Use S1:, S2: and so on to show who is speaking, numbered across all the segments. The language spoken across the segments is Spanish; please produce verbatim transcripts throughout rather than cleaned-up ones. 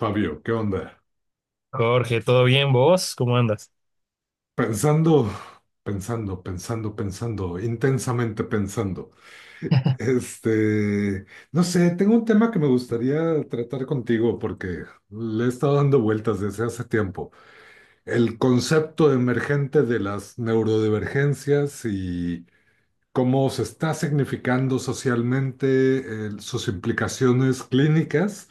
S1: Fabio, ¿qué onda?
S2: Jorge, ¿todo bien vos? ¿Cómo andas?
S1: Pensando, pensando, pensando, pensando, intensamente pensando. Este, no sé, tengo un tema que me gustaría tratar contigo porque le he estado dando vueltas desde hace tiempo. El concepto emergente de las neurodivergencias y cómo se está significando socialmente, eh, sus implicaciones clínicas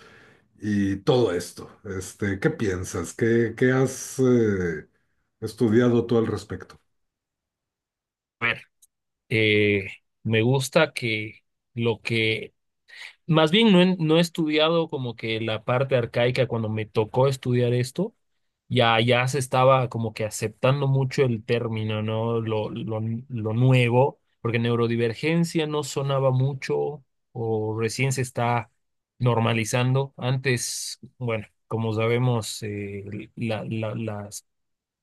S1: y todo esto. Este, ¿qué piensas? ¿Qué, qué has eh, estudiado tú al respecto?
S2: A ver, eh, me gusta que lo que, más bien no he, no he estudiado como que la parte arcaica cuando me tocó estudiar esto, ya, ya se estaba como que aceptando mucho el término, ¿no? Lo, lo, lo nuevo, porque neurodivergencia no sonaba mucho o recién se está normalizando. Antes, bueno, como sabemos, eh, la, la, las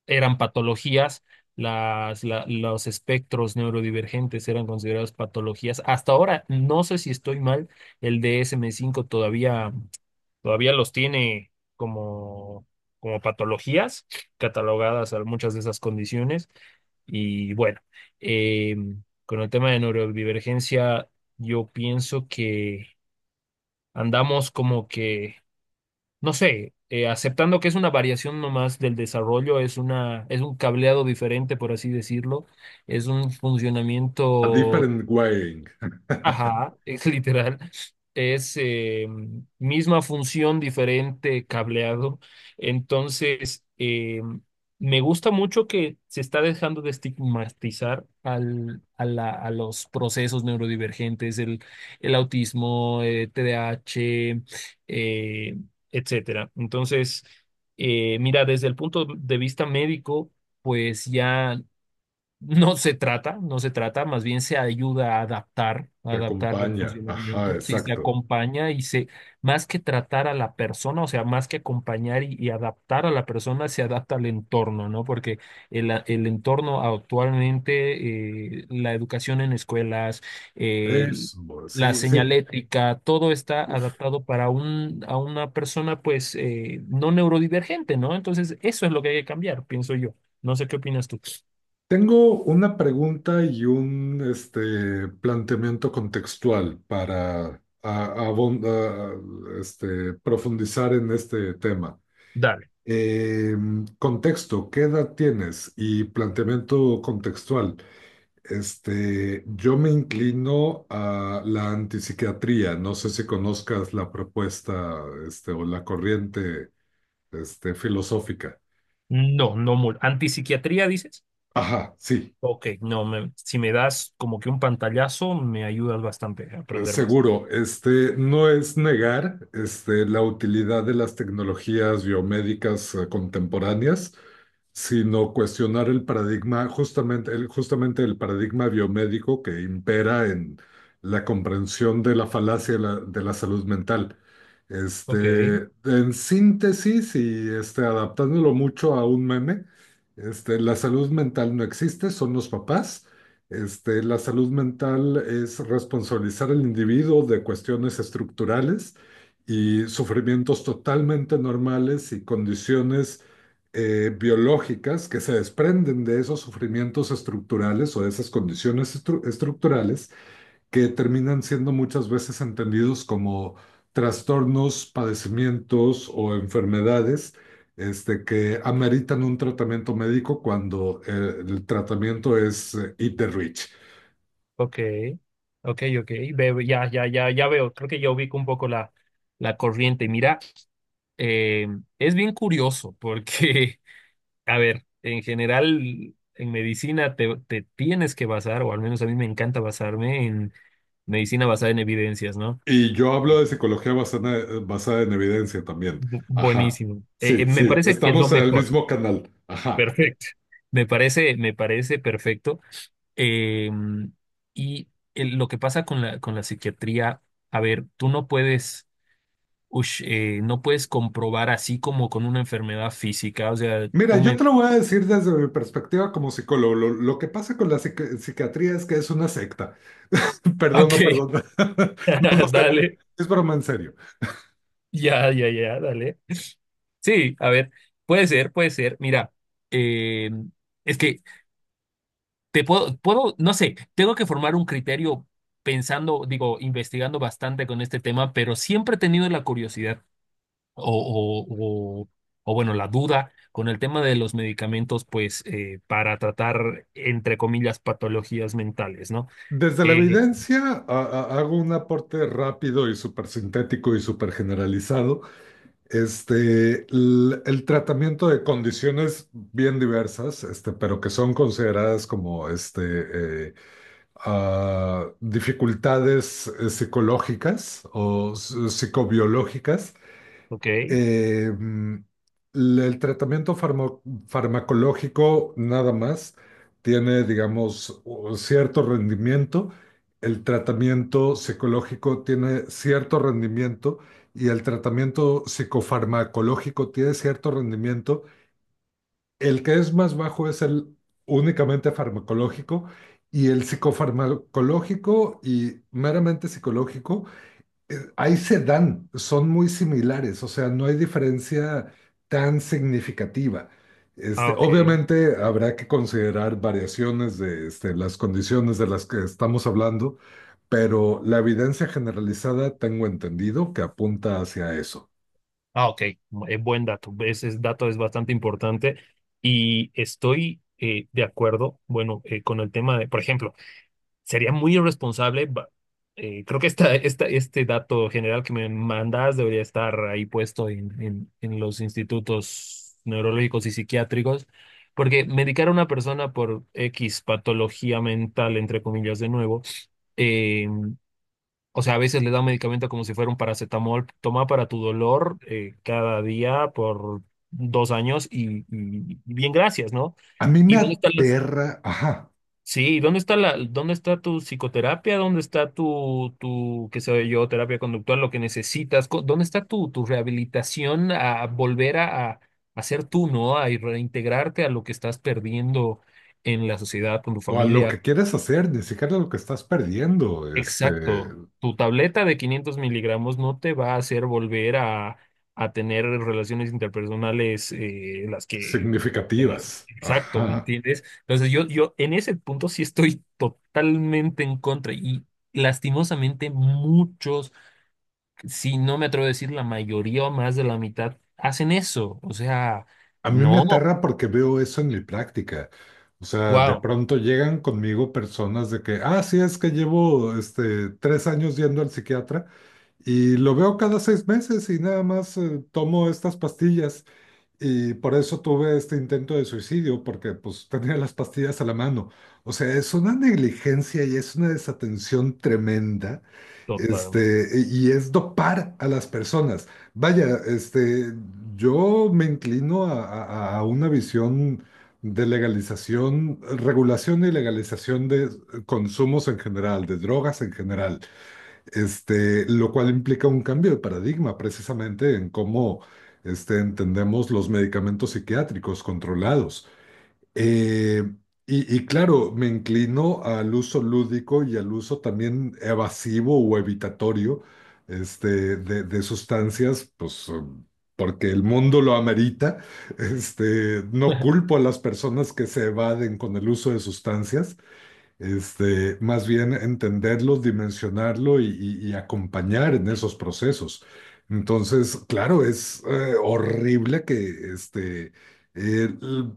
S2: eran patologías, las, la- los espectros neurodivergentes eran considerados patologías. Hasta ahora, no sé si estoy mal, el D S M cinco todavía, todavía los tiene como, como patologías catalogadas a muchas de esas condiciones. Y bueno, eh, con el tema de neurodivergencia, yo pienso que andamos como que no sé, eh, aceptando que es una variación nomás del desarrollo, es una, es un cableado diferente, por así decirlo, es un
S1: A
S2: funcionamiento.
S1: different wiring
S2: Ajá, es literal. Es, eh, misma función, diferente cableado. Entonces, eh, me gusta mucho que se está dejando de estigmatizar al, a, la- a los procesos neurodivergentes, el, el autismo, eh, T D A h, eh, etcétera. Entonces, eh, mira, desde el punto de vista médico, pues ya. No se trata, no se trata, más bien se ayuda a adaptar, a
S1: te
S2: adaptar el
S1: acompaña. Ajá,
S2: funcionamiento, sí, se
S1: exacto.
S2: acompaña y se, más que tratar a la persona, o sea, más que acompañar y, y adaptar a la persona, se adapta al entorno, ¿no? Porque el, a- el entorno actualmente, eh, la educación en escuelas, el-
S1: Eso,
S2: la
S1: sí, sí.
S2: señalética, todo está
S1: Uf.
S2: adaptado para un, a una persona, pues, eh, no neurodivergente, ¿no? Entonces, eso es lo que hay que cambiar, pienso yo. No sé qué opinas tú.
S1: Tengo una pregunta y un este, planteamiento contextual para a- abon- a- este, profundizar en este tema.
S2: Dale.
S1: Eh, Contexto, ¿qué edad tienes? Y planteamiento contextual. Este, yo me inclino a la antipsiquiatría. No sé si conozcas la propuesta, este, o la corriente, este, filosófica.
S2: No, no mucho. ¿Antipsiquiatría dices?
S1: Ajá, sí,
S2: Ok, no, me- si me das como que un pantallazo, me ayudas bastante a
S1: eh,
S2: aprender más.
S1: seguro. Este, no es negar, este, la utilidad de las tecnologías biomédicas eh, contemporáneas, sino cuestionar el paradigma, justamente el, justamente el paradigma biomédico que impera en la comprensión de la falacia de la, de la salud mental.
S2: Ok,
S1: Este, en síntesis y este, adaptándolo mucho a un meme, este, la salud mental no existe, son los papás. Este, la salud mental es responsabilizar al individuo de cuestiones estructurales y sufrimientos totalmente normales y condiciones eh, biológicas que se desprenden de esos sufrimientos estructurales o de esas condiciones estru- estructurales que terminan siendo muchas veces entendidos como trastornos, padecimientos o enfermedades este, que ameritan un tratamiento médico cuando eh, el tratamiento es eh, eat the rich.
S2: ok, ok, ok. Veo- ya, ya, ya, ya veo. Creo que ya ubico un poco la, la corriente. Mira, eh, es bien curioso porque, a ver, en general, en medicina te, te tienes que basar, o al menos a mí me encanta basarme en medicina basada en evidencias, ¿no?
S1: Y yo hablo de psicología basada, basada en evidencia también.
S2: Bu-
S1: Ajá.
S2: Buenísimo. Eh, eh,
S1: Sí,
S2: me
S1: sí,
S2: parece que es lo
S1: estamos en el
S2: mejor.
S1: mismo canal. Ajá.
S2: Perfecto. Me parece, me parece perfecto. Eh, y el- lo que pasa con la, con la psiquiatría, a ver, tú no puedes, ush, eh, no puedes comprobar así como con una enfermedad física. O sea,
S1: Mira,
S2: tú
S1: yo
S2: me...
S1: te lo voy a decir desde mi perspectiva como psicólogo. Lo, lo que pasa con la psiqui- psiquiatría es que es una secta. Perdón, no,
S2: Ok,
S1: perdón. No, no sé.
S2: dale.
S1: Es broma en serio.
S2: Ya, ya, ya, dale. Sí, a ver, puede ser, puede ser. Mira, eh, es que te puedo, puedo, no sé, tengo que formar un criterio pensando, digo, investigando bastante con este tema, pero siempre he tenido la curiosidad. o, o, o- o, bueno, la duda con el tema de los medicamentos, pues eh, para tratar, entre comillas, patologías mentales, ¿no?
S1: Desde la
S2: Eh,
S1: evidencia a- a- hago un aporte rápido y súper sintético y súper generalizado. Este, l- el, tratamiento de condiciones bien diversas, este, pero que son consideradas como este, eh, ah, dificultades eh, psicológicas o s- psicobiológicas,
S2: ok,
S1: eh, l- el tratamiento farmo- farmacológico nada más tiene, digamos, u- cierto rendimiento. El tratamiento psicológico tiene cierto rendimiento y el tratamiento psicofarmacológico tiene cierto rendimiento. El que es más bajo es el únicamente farmacológico, y el psicofarmacológico y meramente psicológico, eh, ahí se dan, son muy similares, o sea, no hay diferencia tan significativa.
S2: ah,
S1: Este,
S2: ok,
S1: obviamente habrá que considerar variaciones de este, las condiciones de las que estamos hablando, pero la evidencia generalizada tengo entendido que apunta hacia eso.
S2: ah, ok, eh, buen dato, ese es- dato es bastante importante y estoy, eh, de acuerdo, bueno, eh, con el tema de, por ejemplo, sería muy irresponsable. Ba- eh, creo que esta, esta, este dato general que me mandas debería estar ahí puesto en, en, en los institutos neurológicos y psiquiátricos, porque medicar a una persona por X patología mental, entre comillas, de nuevo, eh, o sea, a veces le da un medicamento como si fuera un paracetamol, toma para tu dolor, eh, cada día por dos años, y, y- y bien, gracias, ¿no?
S1: A mí
S2: Y
S1: me
S2: dónde están las-
S1: aterra, ajá,
S2: Sí, ¿y dónde está la, dónde está tu psicoterapia? ¿Dónde está tu, tu, qué sé yo, terapia conductual, lo que necesitas? Co- ¿Dónde está tu, tu rehabilitación a volver a, a, a ser tú, ¿no? A reintegrarte a lo que estás perdiendo en la sociedad, con tu
S1: o a lo
S2: familia.
S1: que quieres hacer, ni siquiera lo que estás perdiendo, este,
S2: Exacto. Tu tableta de 500 miligramos no te va a hacer volver a, a tener relaciones interpersonales, eh, las que... en ese-
S1: significativas,
S2: Exacto, ¿me
S1: ajá.
S2: entiendes? Entonces yo, yo en ese punto sí estoy totalmente en contra y lastimosamente muchos, si no me atrevo a decir la mayoría o más de la mitad, hacen eso. O sea,
S1: A mí me
S2: no,
S1: aterra porque veo eso en mi práctica. O sea, de
S2: wow,
S1: pronto llegan conmigo personas de que, ah, sí, es que llevo este, tres años yendo al psiquiatra y lo veo cada seis meses y nada más eh, tomo estas pastillas. Y por eso tuve este intento de suicidio, porque pues tenía las pastillas a la mano. O sea, es una negligencia y es una desatención tremenda.
S2: totalmente.
S1: Este, y y es dopar a las personas. Vaya, este, yo me inclino a, a- a una visión de legalización, regulación y legalización de eh, consumos en general, de drogas en general, este, lo cual implica un cambio de paradigma precisamente en cómo este, entendemos los medicamentos psiquiátricos controlados. Eh, y, y claro, me inclino al uso lúdico y al uso también evasivo o evitatorio, este, de, de sustancias, pues, um, porque el mundo lo amerita. Este, no culpo a las personas que se evaden con el uso de sustancias. Este, más bien entenderlo, dimensionarlo y, y- y acompañar en esos procesos. Entonces, claro, es eh, horrible que este, eh, l-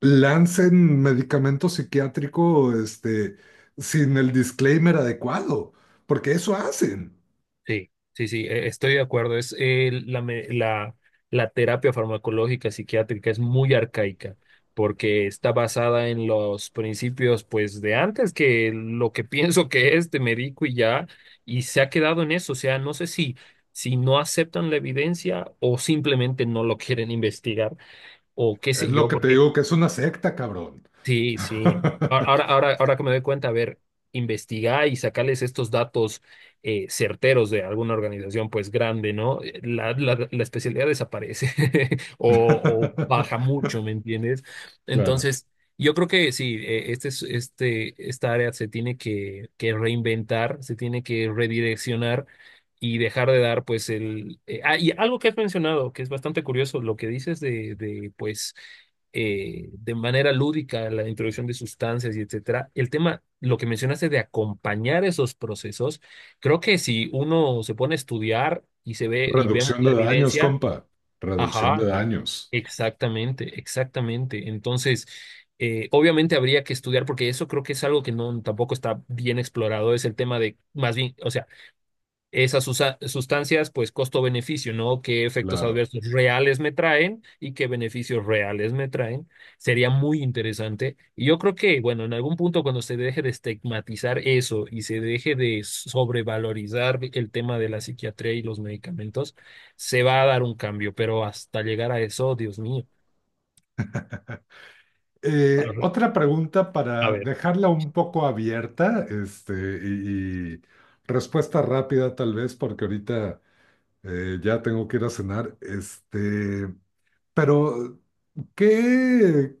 S1: lancen medicamento psiquiátrico, este, sin el disclaimer adecuado, porque eso hacen.
S2: Sí, sí, sí, e- estoy de acuerdo. Es eh, la, me- la, la terapia farmacológica psiquiátrica es muy arcaica porque está basada en los principios, pues, de antes, que lo que pienso que es, te medico y ya, y se ha quedado en eso. O sea, no sé si, si no aceptan la evidencia o simplemente no lo quieren investigar o qué
S1: Es
S2: sé
S1: lo
S2: yo,
S1: que te
S2: porque
S1: digo, que es una secta, cabrón.
S2: sí, sí. A- Ahora, ahora, ahora que me doy cuenta, a ver, investigar y sacarles estos datos, eh, certeros, de alguna organización pues grande, ¿no? Eh, La, la, la especialidad desaparece o, o baja mucho, ¿me entiendes?
S1: Claro.
S2: Entonces, yo creo que sí, eh, este, es- este, esta área se tiene que, que reinventar, se tiene que redireccionar y dejar de dar pues el... eh, ah, y algo que has mencionado, que es bastante curioso, lo que dices de, de pues, eh, de manera lúdica, la introducción de sustancias y etcétera. El tema, lo que mencionaste de acompañar esos procesos, creo que si uno se pone a estudiar y se ve y vemos
S1: Reducción
S2: la
S1: de daños,
S2: evidencia,
S1: compa. Reducción de
S2: ajá,
S1: daños.
S2: exactamente, exactamente. Entonces, eh, obviamente habría que estudiar porque eso creo que es algo que no tampoco está bien explorado, es el tema de más bien, o sea, esas susa- sustancias, pues costo-beneficio, ¿no? ¿Qué efectos
S1: Claro.
S2: adversos reales me traen y qué beneficios reales me traen? Sería muy interesante. Y yo creo que, bueno, en algún punto cuando se deje de estigmatizar eso y se deje de sobrevalorizar el tema de la psiquiatría y los medicamentos, se va a dar un cambio, pero hasta llegar a eso, Dios mío. A
S1: Eh,
S2: ver,
S1: otra pregunta
S2: a
S1: para
S2: ver,
S1: dejarla un poco abierta, este, y, y respuesta rápida tal vez, porque ahorita eh, ya tengo que ir a cenar. Este, pero ¿qué,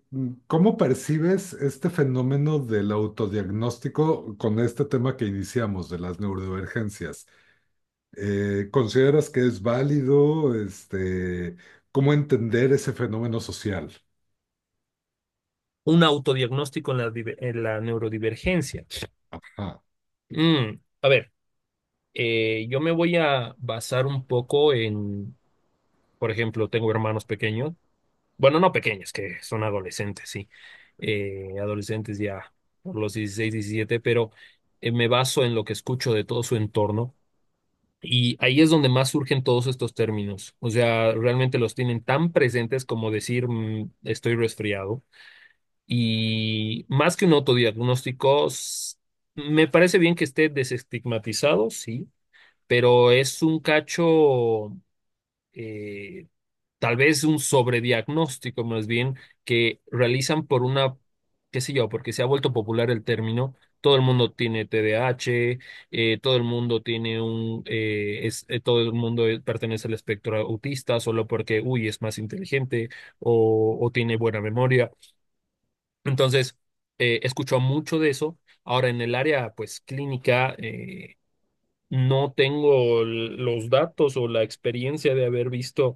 S1: cómo percibes este fenómeno del autodiagnóstico con este tema que iniciamos de las neurodivergencias? Eh, ¿consideras que es válido? Este, ¿cómo entender ese fenómeno social?
S2: un autodiagnóstico en la, diver- en la neurodivergencia.
S1: Ajá,
S2: Mm, a ver, eh, yo me voy a basar un poco en, por ejemplo, tengo hermanos pequeños, bueno, no pequeños, que son adolescentes, sí, eh, adolescentes ya por los dieciséis, diecisiete, pero, eh, me baso en lo que escucho de todo su entorno y ahí es donde más surgen todos estos términos. O sea, realmente los tienen tan presentes como decir, mm, estoy resfriado, y más que un autodiagnóstico, s- me parece bien que esté desestigmatizado, sí, pero es un cacho... eh, tal vez un sobrediagnóstico más bien que realizan por una, qué sé yo, porque se ha vuelto popular el término. Todo el mundo tiene T TDAH, eh, todo el mundo tiene un, eh, es, eh, todo el mundo, eh, pertenece al espectro autista solo porque, uy, es más inteligente, o, o tiene buena memoria. Entonces, eh, escucho mucho de eso. Ahora, en el área, pues, clínica, eh, no tengo l- los datos o la experiencia de haber visto,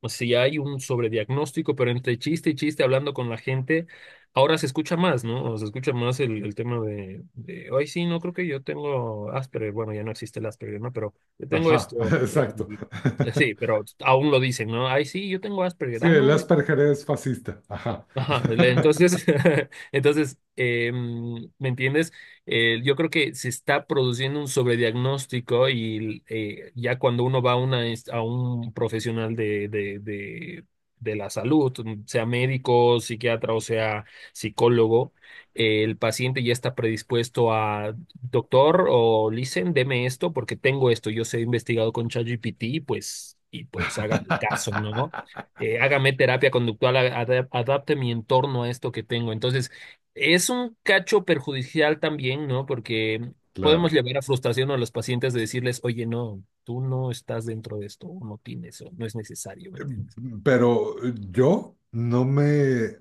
S2: o sea, ya hay un sobrediagnóstico, pero entre chiste y chiste hablando con la gente, ahora se escucha más, ¿no? O se escucha más el, el tema de, de, ay, sí, no creo que yo tengo Asperger, bueno, ya no existe el Asperger, ¿no? Pero yo tengo
S1: ajá,
S2: esto,
S1: exacto.
S2: y, y- sí, pero aún lo dicen, ¿no? Ay, sí, yo tengo Asperger,
S1: Sí,
S2: ah,
S1: el
S2: no,
S1: Asperger es fascista. Ajá.
S2: ajá, le- entonces, entonces eh, mm, ¿me entiendes? Eh, yo creo que se está produciendo un sobrediagnóstico y, eh, ya cuando uno va a, una, inst- a un profesional de, de, de, de la salud, sea médico, psiquiatra o sea psicólogo, eh, el paciente ya está predispuesto a, doctor o listen, deme esto porque tengo esto, yo sé, he investigado con ChatGPT, pues, y pues hágame caso, ¿no? Eh, hágame terapia conductual, a- adap- adapte mi entorno a esto que tengo. Entonces, es un cacho perjudicial también, ¿no? Porque podemos
S1: Claro.
S2: llevar a frustración a los pacientes de decirles, oye, no, tú no estás dentro de esto, o no tienes, o no es necesario, ¿me entiendes?
S1: Pero yo no me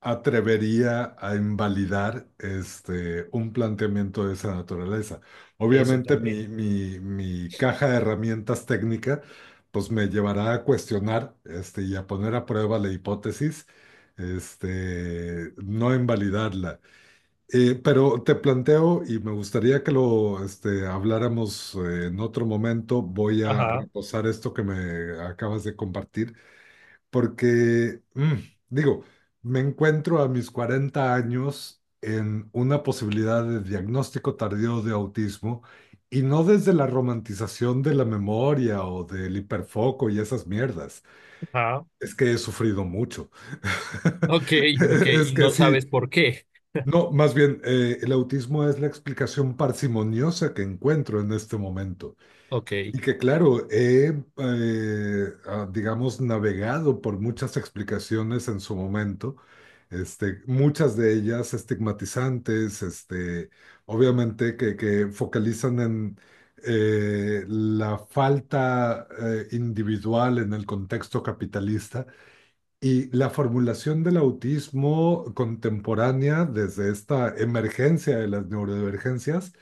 S1: atrevería a invalidar este, un planteamiento de esa naturaleza.
S2: Eso
S1: Obviamente mi,
S2: también.
S1: mi- mi caja de herramientas técnica pues me llevará a cuestionar este, y a poner a prueba la hipótesis, este, no invalidarla. Eh, pero te planteo, y me gustaría que lo este, habláramos eh, en otro momento, voy a
S2: Ajá,
S1: reposar esto que me acabas de compartir, porque, mm, digo, me encuentro a mis cuarenta años en una posibilidad de diagnóstico tardío de autismo, y no desde la romantización de la memoria o del hiperfoco y esas mierdas.
S2: ajá.
S1: Es que he sufrido mucho.
S2: Ok, ok,
S1: Es
S2: y
S1: que
S2: no sabes
S1: sí.
S2: por qué.
S1: No, más bien, eh, el autismo es la explicación parsimoniosa que encuentro en este momento.
S2: Ok,
S1: Y que claro, he, eh, ah, digamos, navegado por muchas explicaciones en su momento, este, muchas de ellas estigmatizantes, este, obviamente que, que focalizan en eh, la falta eh, individual en el contexto capitalista, y la formulación del autismo contemporánea desde esta emergencia de las neurodivergencias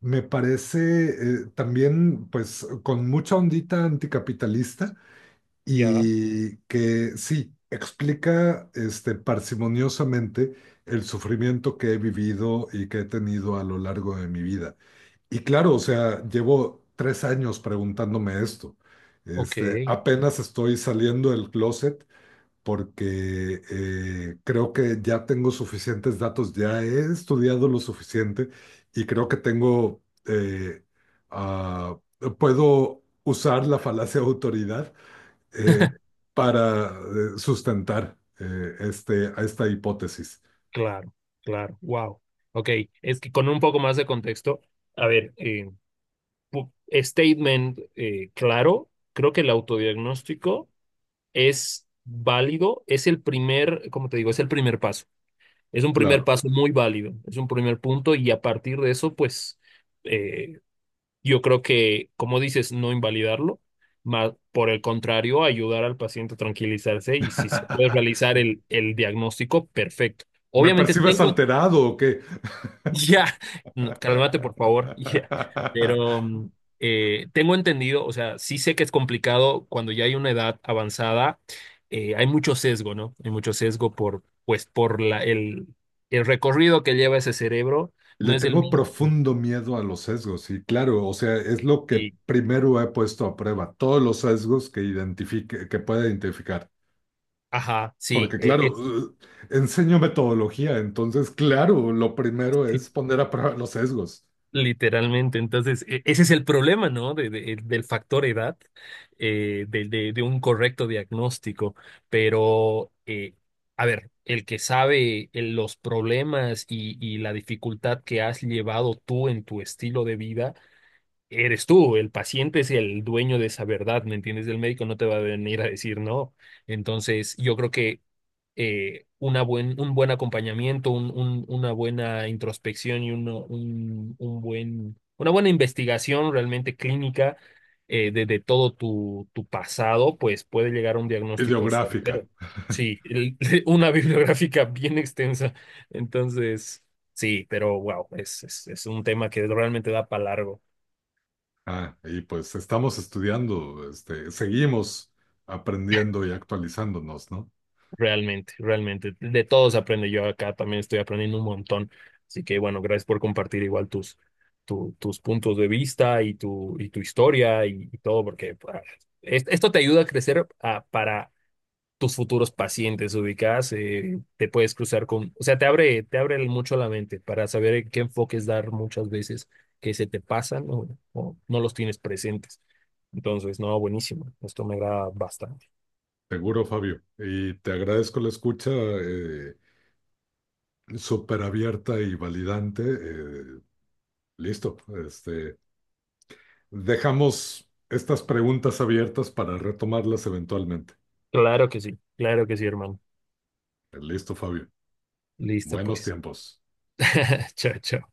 S1: me parece eh, también pues con mucha ondita anticapitalista,
S2: ya,
S1: y que sí explica este parsimoniosamente el sufrimiento que he vivido y que he tenido a lo largo de mi vida. Y claro, o sea, llevo tres años preguntándome esto.
S2: ok,
S1: Este, apenas estoy saliendo del closet porque eh, creo que ya tengo suficientes datos, ya he estudiado lo suficiente y creo que tengo, eh, ah, puedo usar la falacia de autoridad eh, para eh, sustentar eh, este, a esta hipótesis.
S2: claro, claro, wow. Ok, es que con un poco más de contexto, a ver, eh, statement, eh, claro. Creo que el autodiagnóstico es válido, es el primer, como te digo, es el primer paso. Es un primer
S1: Claro.
S2: paso muy válido, es un primer punto, y a partir de eso, pues, eh, yo creo que, como dices, no invalidarlo, más por el contrario, ayudar al paciente a tranquilizarse, y si se puede realizar el, el diagnóstico, perfecto.
S1: ¿Me
S2: Obviamente
S1: percibes
S2: tengo,
S1: alterado o qué?
S2: ya, no, cálmate por favor, ya. Pero, mm, eh, tengo entendido, o sea, sí sé que es complicado cuando ya hay una edad avanzada, eh, hay mucho sesgo, ¿no? Hay mucho sesgo por, pues, por la, el, el recorrido que lleva ese cerebro, no
S1: Le
S2: es el
S1: tengo
S2: mismo.
S1: profundo miedo a los sesgos, y claro, o sea, es lo que
S2: Sí,
S1: primero he puesto a prueba, todos los sesgos que identifique, que pueda identificar.
S2: ajá, sí,
S1: Porque
S2: eh,
S1: claro,
S2: es.
S1: eh, enseño metodología, entonces claro, lo primero
S2: Sí,
S1: es poner a prueba los sesgos.
S2: literalmente. Entonces, e- ese es el problema, ¿no? De- de- del factor edad, eh, de, de- de un correcto diagnóstico. Pero, eh, a ver, el que sabe, eh, los problemas y, y la dificultad que has llevado tú en tu estilo de vida, eres tú, el paciente es el dueño de esa verdad, ¿me entiendes? El médico no te va a venir a decir no. Entonces, yo creo que, eh, una buen, un buen acompañamiento, un, un- una buena introspección, y uno- un, un buen, una buena investigación realmente clínica, eh, de, de todo tu, tu, pasado, pues puede llegar a un diagnóstico
S1: Ideográfica.
S2: certero. Sí, el- una bibliográfica bien extensa. Entonces, sí, pero wow, es, es, es un tema que realmente da para largo.
S1: Ah, y pues estamos estudiando, este, seguimos aprendiendo y actualizándonos, ¿no?
S2: Realmente, realmente. De todos aprende. Yo acá también estoy aprendiendo un montón. Así que bueno, gracias por compartir igual tus, tu- tus puntos de vista y tu, y tu historia, y, y todo, porque ah, es- esto te ayuda a crecer, ah, para tus futuros pacientes ubicadas. Eh, te puedes cruzar con, o sea, te abre, te abre mucho la mente para saber en qué enfoques dar muchas veces que se te pasan, o, o no los tienes presentes. Entonces, no, buenísimo. Esto me agrada bastante.
S1: Seguro, Fabio. Y te agradezco la escucha, eh, súper abierta y validante. eh, Listo. Este, Dejamos estas preguntas abiertas para retomarlas eventualmente.
S2: Claro que sí, claro que sí, hermano.
S1: Listo, Fabio.
S2: Listo,
S1: Buenos
S2: pues.
S1: tiempos.
S2: Chao, chao.